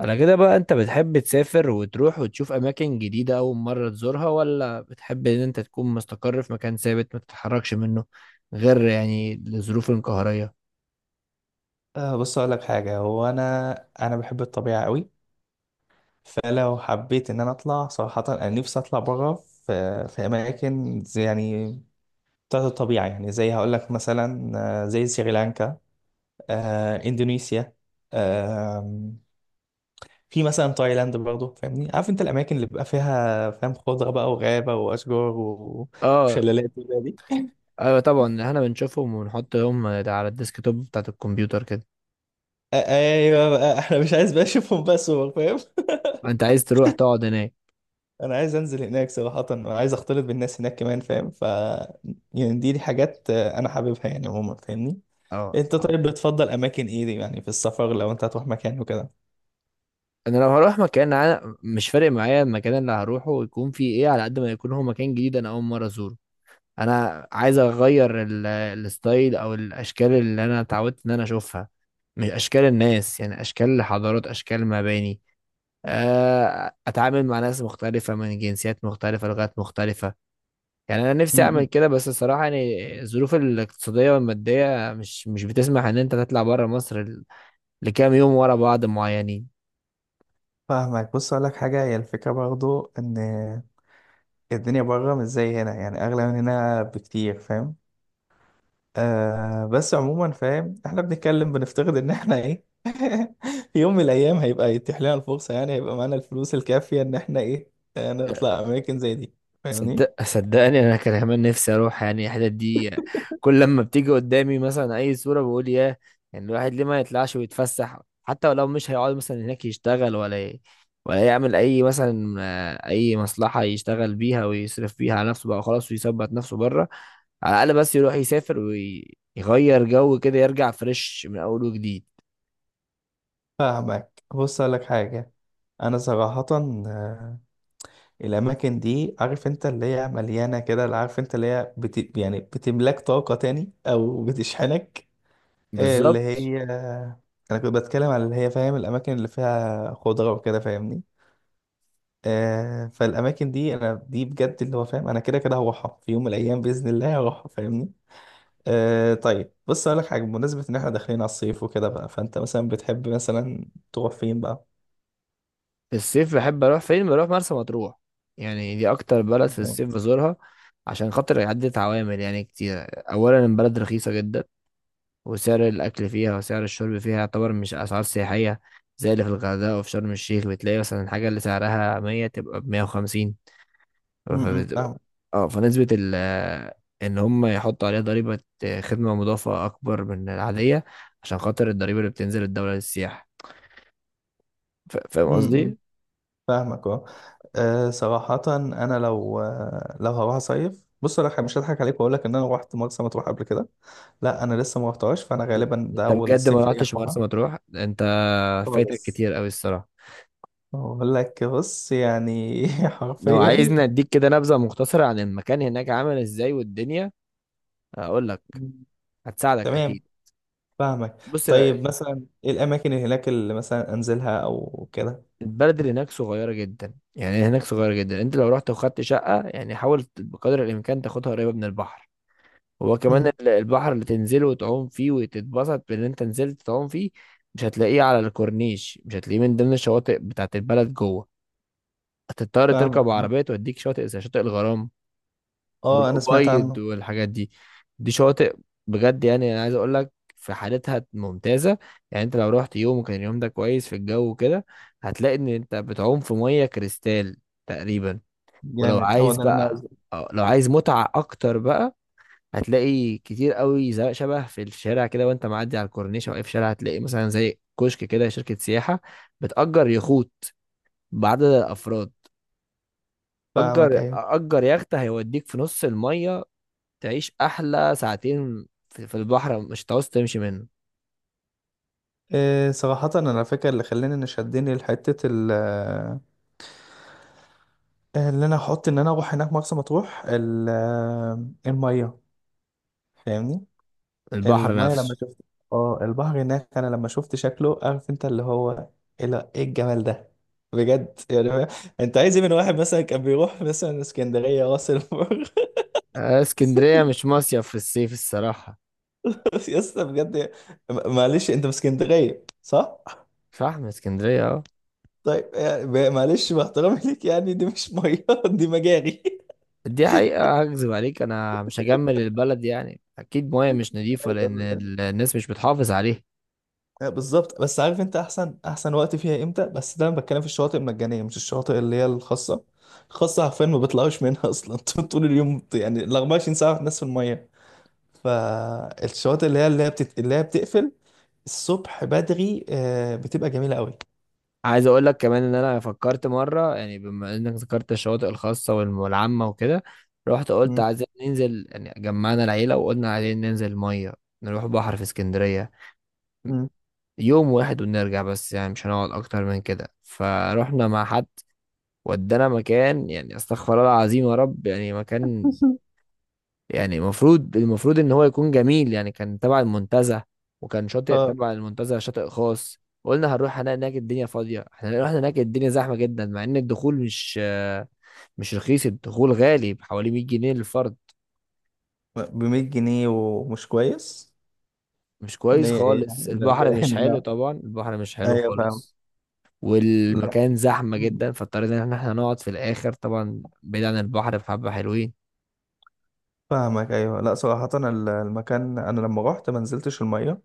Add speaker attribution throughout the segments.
Speaker 1: انا كده بقى. انت بتحب تسافر وتروح وتشوف اماكن جديدة اول مرة تزورها، ولا بتحب ان انت تكون مستقر في مكان ثابت ما تتحركش منه غير يعني الظروف القهرية؟
Speaker 2: بص اقول لك حاجه هو انا بحب الطبيعه قوي. فلو حبيت ان انا اطلع صراحه انا نفسي اطلع بره في اماكن زي يعني بتاعت الطبيعه، يعني زي هقول لك مثلا زي سريلانكا، اندونيسيا، آه، في مثلا تايلاند برضه. فاهمني؟ عارف انت الاماكن اللي بيبقى فيها فاهم خضره بقى وغابه واشجار
Speaker 1: اه،
Speaker 2: وشلالات وكده دي.
Speaker 1: ايوه طبعا، احنا بنشوفهم ونحطهم على الديسك توب بتاعت الكمبيوتر كده.
Speaker 2: آه، ايوه بقى احنا مش عايز بقى اشوفهم بقى صور، فاهم؟
Speaker 1: انت عايز تروح تقعد هناك.
Speaker 2: انا عايز انزل هناك صراحة، انا عايز اختلط بالناس هناك كمان، فاهم؟ ف يعني دي حاجات انا حاببها يعني عموما، فاهمني؟
Speaker 1: اه،
Speaker 2: انت
Speaker 1: آه.
Speaker 2: طيب بتفضل اماكن ايه دي؟ يعني في السفر لو انت هتروح مكان وكده.
Speaker 1: انا لو هروح مكان انا مش فارق معايا المكان اللي هروحه يكون فيه ايه، على قد ما يكون هو مكان جديد انا اول مرة ازوره. انا عايز اغير الستايل او الاشكال اللي انا اتعودت ان انا اشوفها، من اشكال الناس، يعني اشكال حضارات، اشكال مباني. اتعامل مع ناس مختلفه من جنسيات مختلفه، لغات مختلفه. يعني انا نفسي اعمل
Speaker 2: امم
Speaker 1: كده، بس الصراحه يعني الظروف الاقتصاديه والماديه مش بتسمح ان انت تطلع بره مصر لكام يوم ورا بعض معينين.
Speaker 2: فاهمك. بص اقول لك حاجة، هي الفكرة برضو ان الدنيا بره مش زي هنا، يعني اغلى من هنا بكتير، فاهم؟ آه بس عموما فاهم احنا بنتكلم بنفترض ان احنا ايه. في يوم من الايام هيبقى يتيح لنا الفرصة، يعني هيبقى معانا الفلوس الكافية ان احنا ايه نطلع اماكن زي دي، فاهمني؟
Speaker 1: صدقني انا كان كمان نفسي اروح يعني الحتت دي. كل لما بتيجي قدامي مثلا اي صوره بقول ياه، يعني الواحد ليه ما يطلعش ويتفسح، حتى ولو مش هيقعد مثلا هناك يشتغل ولا يعمل اي مثلا اي مصلحه يشتغل بيها ويصرف بيها على نفسه بقى خلاص ويثبت نفسه بره. على الاقل بس يروح يسافر ويغير جو كده، يرجع فريش من اول وجديد.
Speaker 2: فاهمك. بص أقول لك حاجة، أنا صراحة آه، الأماكن دي عارف أنت اللي هي مليانة كده، اللي عارف أنت اللي هي يعني بتملاك طاقة تاني أو بتشحنك، اللي
Speaker 1: بالظبط.
Speaker 2: هي أنا كنت بتكلم على اللي هي فاهم الأماكن اللي فيها خضرة وكده، فاهمني؟ آه فالأماكن دي أنا دي بجد اللي هو فاهم أنا كده كده هروحها في يوم من الأيام بإذن الله هروحها، فاهمني؟ آه طيب بص أقول لك حاجة بمناسبة إن إحنا داخلين على الصيف وكده بقى، فأنت مثلا بتحب مثلا تروح فين بقى؟
Speaker 1: في الصيف بحب اروح فين؟ بروح مرسى مطروح. يعني دي اكتر بلد في الصيف بزورها عشان خاطر عدة عوامل يعني كتير. اولا البلد رخيصة جدا، وسعر الاكل فيها وسعر الشرب فيها يعتبر مش اسعار سياحية زي اللي في الغردقة وفي شرم الشيخ. بتلاقي مثلا الحاجة اللي سعرها 100 تبقى ب 150. فبتبقى
Speaker 2: فاهمك.
Speaker 1: اه، فنسبة ال، ان هم يحطوا عليها ضريبة خدمة مضافة اكبر من العادية عشان خاطر الضريبة اللي بتنزل الدولة للسياحة. فاهم
Speaker 2: امم
Speaker 1: قصدي؟
Speaker 2: فاهمك اه. صراحة أنا لو لو هروح أصيف، بص أنا مش هضحك عليك وأقول لك إن أنا روحت مرسى مطروح قبل كده. لا، أنا لسه ما روحتهاش، فأنا غالبا ده
Speaker 1: انت
Speaker 2: أول
Speaker 1: بجد ما
Speaker 2: صيف ليا
Speaker 1: رحتش
Speaker 2: أروحها.
Speaker 1: مرسى مطروح انت؟ فايتك
Speaker 2: خالص.
Speaker 1: كتير قوي الصراحة.
Speaker 2: أقول لك بص يعني
Speaker 1: لو
Speaker 2: حرفيا.
Speaker 1: عايزني اديك كده نبذة مختصرة عن المكان هناك عامل ازاي والدنيا، اقول لك.
Speaker 2: مم.
Speaker 1: هتساعدك اكيد.
Speaker 2: تمام. فاهمك.
Speaker 1: بص بقى،
Speaker 2: طيب مثلا إيه الأماكن اللي هناك اللي مثلا أنزلها أو كده؟
Speaker 1: البلد اللي هناك صغيرة جدا، يعني هناك صغيرة جدا. انت لو رحت وخدت شقة يعني حاول بقدر الامكان تاخدها قريبة من البحر. هو كمان
Speaker 2: امم
Speaker 1: البحر اللي تنزله وتعوم فيه وتتبسط بان انت نزلت تعوم فيه، مش هتلاقيه على الكورنيش، مش هتلاقيه من ضمن الشواطئ بتاعت البلد جوه. هتضطر
Speaker 2: فاهمك.
Speaker 1: تركب عربية توديك شاطئ، زي شاطئ الغرام
Speaker 2: أه أنا سمعت
Speaker 1: والأبيض
Speaker 2: عنه.
Speaker 1: والحاجات دي. دي شواطئ بجد، يعني انا عايز اقول لك، في حالتها ممتازه. يعني انت لو رحت يوم وكان اليوم ده كويس في الجو وكده، هتلاقي ان انت بتعوم في ميه كريستال تقريبا. ولو
Speaker 2: جامد، هو
Speaker 1: عايز
Speaker 2: ده اللي أنا
Speaker 1: بقى،
Speaker 2: عايزه.
Speaker 1: لو عايز متعه اكتر بقى، هتلاقي كتير قوي شبه في الشارع كده، وانت معدي على الكورنيش او اي في شارع، هتلاقي مثلا زي كشك كده، شركه سياحه بتأجر يخوت بعدد الافراد.
Speaker 2: فاهمك أيوه.
Speaker 1: اجر يخت هيوديك في نص الميه، تعيش احلى ساعتين في البحر، مش هتعوز تمشي منه.
Speaker 2: إيه صراحة أنا فاكر اللي خلاني إن شدني لحتة ال، اللي أنا أحط إن أنا أروح هناك مرسى مطروح المية، فاهمني؟
Speaker 1: البحر
Speaker 2: المية لما
Speaker 1: نفسه.
Speaker 2: شفت، اه البحر هناك أنا لما شفت شكله عارف أنت اللي هو إيه، لا، إيه الجمال ده، بجد يعني. أنت عايز إيه من واحد مثلا كان بيروح مثلا اسكندرية راس البر؟
Speaker 1: اسكندرية مش مصيف في الصيف الصراحة.
Speaker 2: يا اسطى بجد. معلش أنت في اسكندرية صح؟
Speaker 1: فاهم، اسكندرية اه.
Speaker 2: طيب يعني معلش باحترامي ليك، يعني دي مش مية دي مجاري.
Speaker 1: دي حقيقة، هكذب عليك؟ انا مش هجمل البلد، يعني اكيد مياه مش نظيفة
Speaker 2: أيوة،
Speaker 1: لان
Speaker 2: أيوة.
Speaker 1: الناس مش بتحافظ عليها.
Speaker 2: بالظبط. بس عارف انت احسن احسن وقت فيها امتى؟ بس ده انا بتكلم في الشواطئ المجانيه مش الشواطئ اللي هي الخاصه. الخاصه حرفيا ما بيطلعوش منها اصلا طول اليوم، يعني ال 24 ساعه الناس في الميه. فالشواطئ اللي هي اللي هي اللي هي بتقفل الصبح بدري بتبقى جميله قوي.
Speaker 1: عايز اقول لك كمان ان انا فكرت مرة، يعني بما انك ذكرت الشواطئ الخاصة والعامة وكده، رحت قلت
Speaker 2: مم.
Speaker 1: عايزين ننزل، يعني جمعنا العيلة وقلنا عايزين ننزل مية، نروح بحر في اسكندرية
Speaker 2: مم.
Speaker 1: يوم واحد ونرجع بس، يعني مش هنقعد اكتر من كده. فروحنا مع حد ودانا مكان يعني استغفر الله العظيم يا رب، يعني مكان يعني المفروض ان هو يكون جميل، يعني كان تبع المنتزه، وكان شاطئ
Speaker 2: اه.
Speaker 1: تبع المنتزه شاطئ خاص. قلنا هنروح هنلاقي هناك الدنيا فاضيه، احنا رحنا هناك الدنيا زحمه جدا. مع ان الدخول مش مش رخيص، الدخول غالي بحوالي 100 جنيه للفرد.
Speaker 2: ب 100 جنيه ومش كويس؟
Speaker 1: مش
Speaker 2: إن
Speaker 1: كويس
Speaker 2: هي ايه،
Speaker 1: خالص،
Speaker 2: لا ده
Speaker 1: البحر مش
Speaker 2: يعني
Speaker 1: حلو
Speaker 2: لا.
Speaker 1: طبعا، البحر مش حلو
Speaker 2: ايوه فاهم.
Speaker 1: خالص.
Speaker 2: لا
Speaker 1: والمكان زحمة جدا، فاضطرينا ان احنا نقعد في الاخر طبعا بعيد عن البحر بحبة حلوين.
Speaker 2: فاهمك ايوه. لا صراحه المكان انا لما رحت ما نزلتش الميه،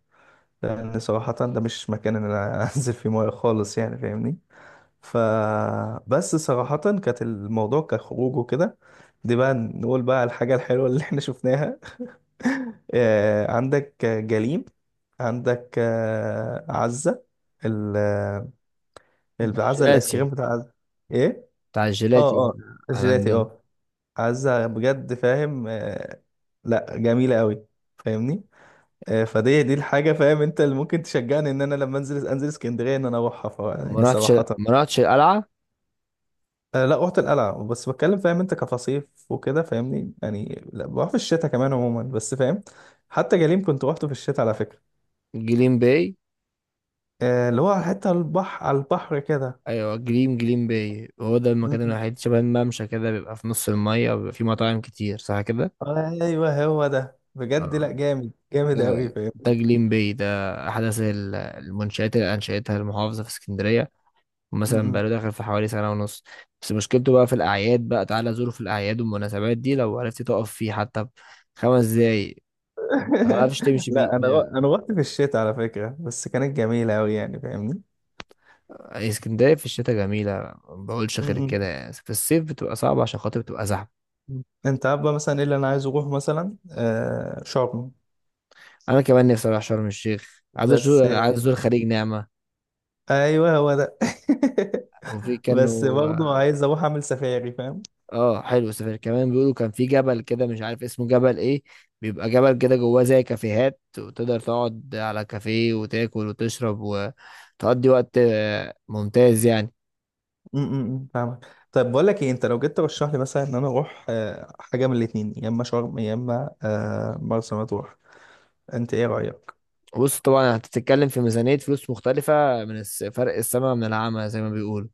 Speaker 2: لان صراحة ده مش مكان ان انا انزل فيه ميه خالص، يعني فاهمني؟ ف بس صراحة كانت الموضوع كخروج وكده. دي بقى نقول بقى الحاجة الحلوة اللي احنا شفناها. عندك جليم، عندك عزة، ال العزة الايس
Speaker 1: الجيلاتي،
Speaker 2: كريم بتاع عزة. ايه.
Speaker 1: بتاع
Speaker 2: اه
Speaker 1: الجيلاتي.
Speaker 2: اه
Speaker 1: احنا
Speaker 2: الجيلاتي
Speaker 1: عندنا.
Speaker 2: اه. عزة بجد فاهم، لا جميلة قوي، فاهمني؟ فدي دي الحاجة فاهم انت اللي ممكن تشجعني ان انا لما انزل انزل اسكندرية ان انا اروحها ف،
Speaker 1: ما
Speaker 2: يعني
Speaker 1: رحتش
Speaker 2: صراحة
Speaker 1: ما رحتش القلعة.
Speaker 2: لا رحت القلعة، بس بتكلم فاهم انت كفصيف وكده، فاهمني؟ يعني لا بروح في الشتاء كمان عموما، بس فاهم. حتى جليم كنت روحته في الشتاء على فكرة.
Speaker 1: جليم باي.
Speaker 2: اللي هو على حتة البحر، على البحر كده.
Speaker 1: ايوه، جليم باي هو ده
Speaker 2: م-
Speaker 1: المكان
Speaker 2: م.
Speaker 1: الوحيد شبه الممشى كده، بيبقى في نص المية وبيبقى فيه مطاعم كتير، صح كده؟
Speaker 2: ايوه هو ده بجد لا
Speaker 1: آه.
Speaker 2: جامد جامد قوي
Speaker 1: لا،
Speaker 2: فاهم.
Speaker 1: ده جليم باي ده احدث المنشآت اللي انشأتها المحافظة في اسكندرية،
Speaker 2: م-
Speaker 1: مثلا
Speaker 2: م.
Speaker 1: بقاله داخل في حوالي سنة ونص. بس مشكلته بقى في الأعياد، بقى تعالى زوره في الأعياد والمناسبات دي، لو عرفت تقف فيه حتى 5 دقايق. متعرفش تمشي بيه
Speaker 2: لا انا. انا رحت في الشتاء على فكرة بس كانت جميلة قوي يعني فاهمني.
Speaker 1: اسكندرية في الشتاء جميلة، ما بقولش غير كده يعني. في الصيف بتبقى صعبة عشان خاطر بتبقى زحمة.
Speaker 2: انت عارف بقى مثلا ايه اللي انا عايز اروح مثلا شرم.
Speaker 1: أنا كمان نفسي أروح شرم الشيخ، عايز
Speaker 2: بس.
Speaker 1: أزور، عايز أزور خليج نعمة.
Speaker 2: ايوه هو ده.
Speaker 1: وفي
Speaker 2: بس
Speaker 1: كانوا
Speaker 2: برضه عايز اروح اعمل سفاري فاهم.
Speaker 1: اه. حلو السفاري كمان، بيقولوا كان في جبل كده مش عارف اسمه جبل ايه. بيبقى جبل كده جواه زي كافيهات، وتقدر تقعد على كافيه وتاكل وتشرب وتقضي وقت ممتاز يعني.
Speaker 2: م- م- م، فاهمك. طيب بقول لك ايه، انت لو جيت ترشح لي مثلا ان انا اروح حاجه من الاثنين، يا اما شرم يا اما مرسى مطروح، انت ايه رايك؟
Speaker 1: بص طبعا هتتكلم في ميزانية فلوس مختلفة، من فرق السما من العمى زي ما بيقولوا.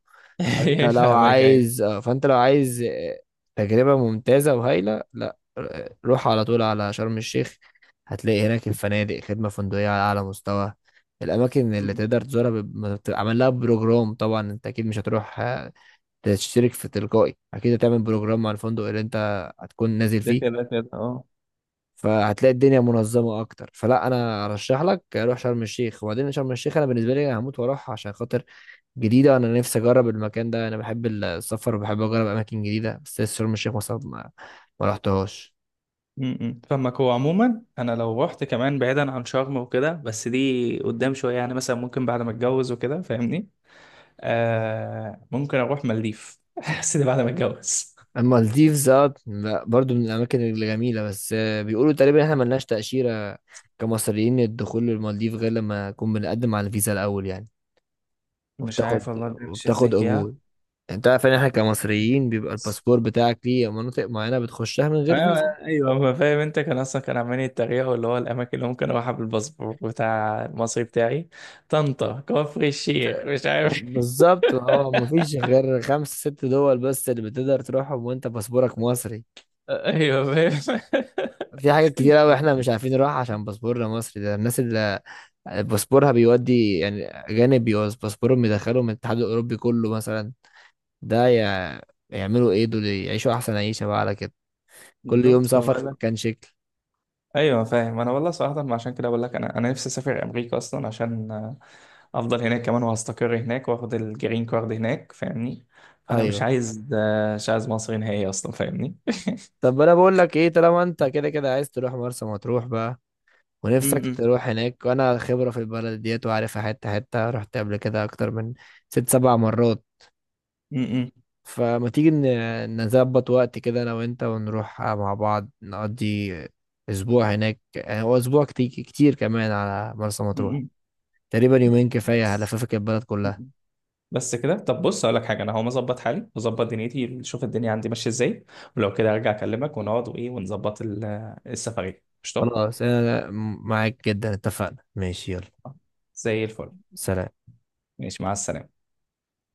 Speaker 2: فاهمك ايوه.
Speaker 1: فانت لو عايز تجربة ممتازة وهايلة، لا روح على طول على شرم الشيخ. هتلاقي هناك الفنادق، خدمة فندقية على أعلى مستوى. الأماكن
Speaker 2: م-
Speaker 1: اللي
Speaker 2: م.
Speaker 1: تقدر تزورها بيب- ما بت- عمل لها بروجرام. طبعا أنت أكيد مش هتروح تشترك في تلقائي، أكيد هتعمل بروجرام مع الفندق اللي أنت هتكون نازل
Speaker 2: ده
Speaker 1: فيه.
Speaker 2: كده كده اه.
Speaker 1: فهتلاقي الدنيا منظمة أكتر. فلا، أنا أرشح لك روح شرم الشيخ. وبعدين شرم الشيخ أنا بالنسبة لي هموت وأروح عشان خاطر جديدة، أنا نفسي أجرب المكان ده. أنا بحب السفر وبحب أجرب أماكن جديدة، بس لسه شرم الشيخ مثلا ما رحتهاش.
Speaker 2: م- م. فاهمك، هو عموما انا لو رحت كمان بعيدا عن شرم وكده، بس دي قدام شويه يعني مثلا، ممكن بعد ما اتجوز وكده فاهمني. آه ممكن اروح مالديف. بس ده بعد ما اتجوز.
Speaker 1: أما المالديفز، لا، برضو من الأماكن الجميلة، بس بيقولوا تقريبا إحنا ملناش تأشيرة كمصريين. الدخول للمالديف غير لما نكون بنقدم على الفيزا الأول يعني،
Speaker 2: مش
Speaker 1: وبتاخد
Speaker 2: عارف والله بمشي ازاي فيها.
Speaker 1: قبول. يعني أنت عارف إن إحنا كمصريين بيبقى الباسبور بتاعك ليه مناطق معينة بتخشها من غير
Speaker 2: ايوه.
Speaker 1: فيزا.
Speaker 2: ايوه ما فاهم انت كان اصلا كان عمال يتريقوا اللي هو الاماكن اللي ممكن اروحها بالباسبور بتاع المصري بتاعي. طنطا، كفر الشيخ، مش عارف.
Speaker 1: بالظبط اه، مفيش غير خمس ست دول بس اللي بتقدر تروحهم وأنت باسبورك مصري.
Speaker 2: ايوه فاهم.
Speaker 1: في حاجات كتير قوي احنا مش عارفين نروح عشان باسبورنا مصري. ده الناس اللي باسبورها بيودي يعني اجانب، بيوز باسبورهم يدخلهم من الاتحاد الاوروبي كله مثلا. ده يع- يعملوا ايه دول؟ يعيشوا احسن عيشه بقى على كده، كل
Speaker 2: بالظبط،
Speaker 1: يوم سفر في
Speaker 2: فبقول لك
Speaker 1: مكان شكل.
Speaker 2: ايوه فاهم. انا والله صراحه ما عشان كده بقول لك انا نفسي اسافر امريكا اصلا، عشان افضل هناك كمان وهستقر هناك واخد الجرين كارد هناك فاهمني. فانا مش
Speaker 1: ايوه.
Speaker 2: عايز مش عايز مصر نهائي اصلا فاهمني.
Speaker 1: طب انا بقول لك ايه، طالما انت كده كده عايز تروح مرسى مطروح بقى
Speaker 2: م-
Speaker 1: ونفسك
Speaker 2: م-
Speaker 1: تروح هناك، وانا خبره في البلد ديت وعارفها حته حته، رحت قبل كده اكتر من ست سبع مرات،
Speaker 2: م-
Speaker 1: فما تيجي نظبط وقت كده انا وانت ونروح مع بعض، نقضي اسبوع هناك. يعني هو اسبوع كتير كتير كمان على مرسى
Speaker 2: م-
Speaker 1: مطروح،
Speaker 2: م.
Speaker 1: تقريبا يومين كفاية
Speaker 2: بس.
Speaker 1: هلففك البلد
Speaker 2: م-
Speaker 1: كلها.
Speaker 2: م. بس كده. طب بص اقول لك حاجه، انا هقوم اظبط حالي واظبط دنيتي اشوف الدنيا عندي ماشيه ازاي، ولو كده ارجع اكلمك ونقعد وايه ونظبط السفريه قشطه.
Speaker 1: خلاص، انا معاك جدا، اتفقنا، ماشي، يلا،
Speaker 2: زي الفل.
Speaker 1: سلام.
Speaker 2: ماشي مع السلامه.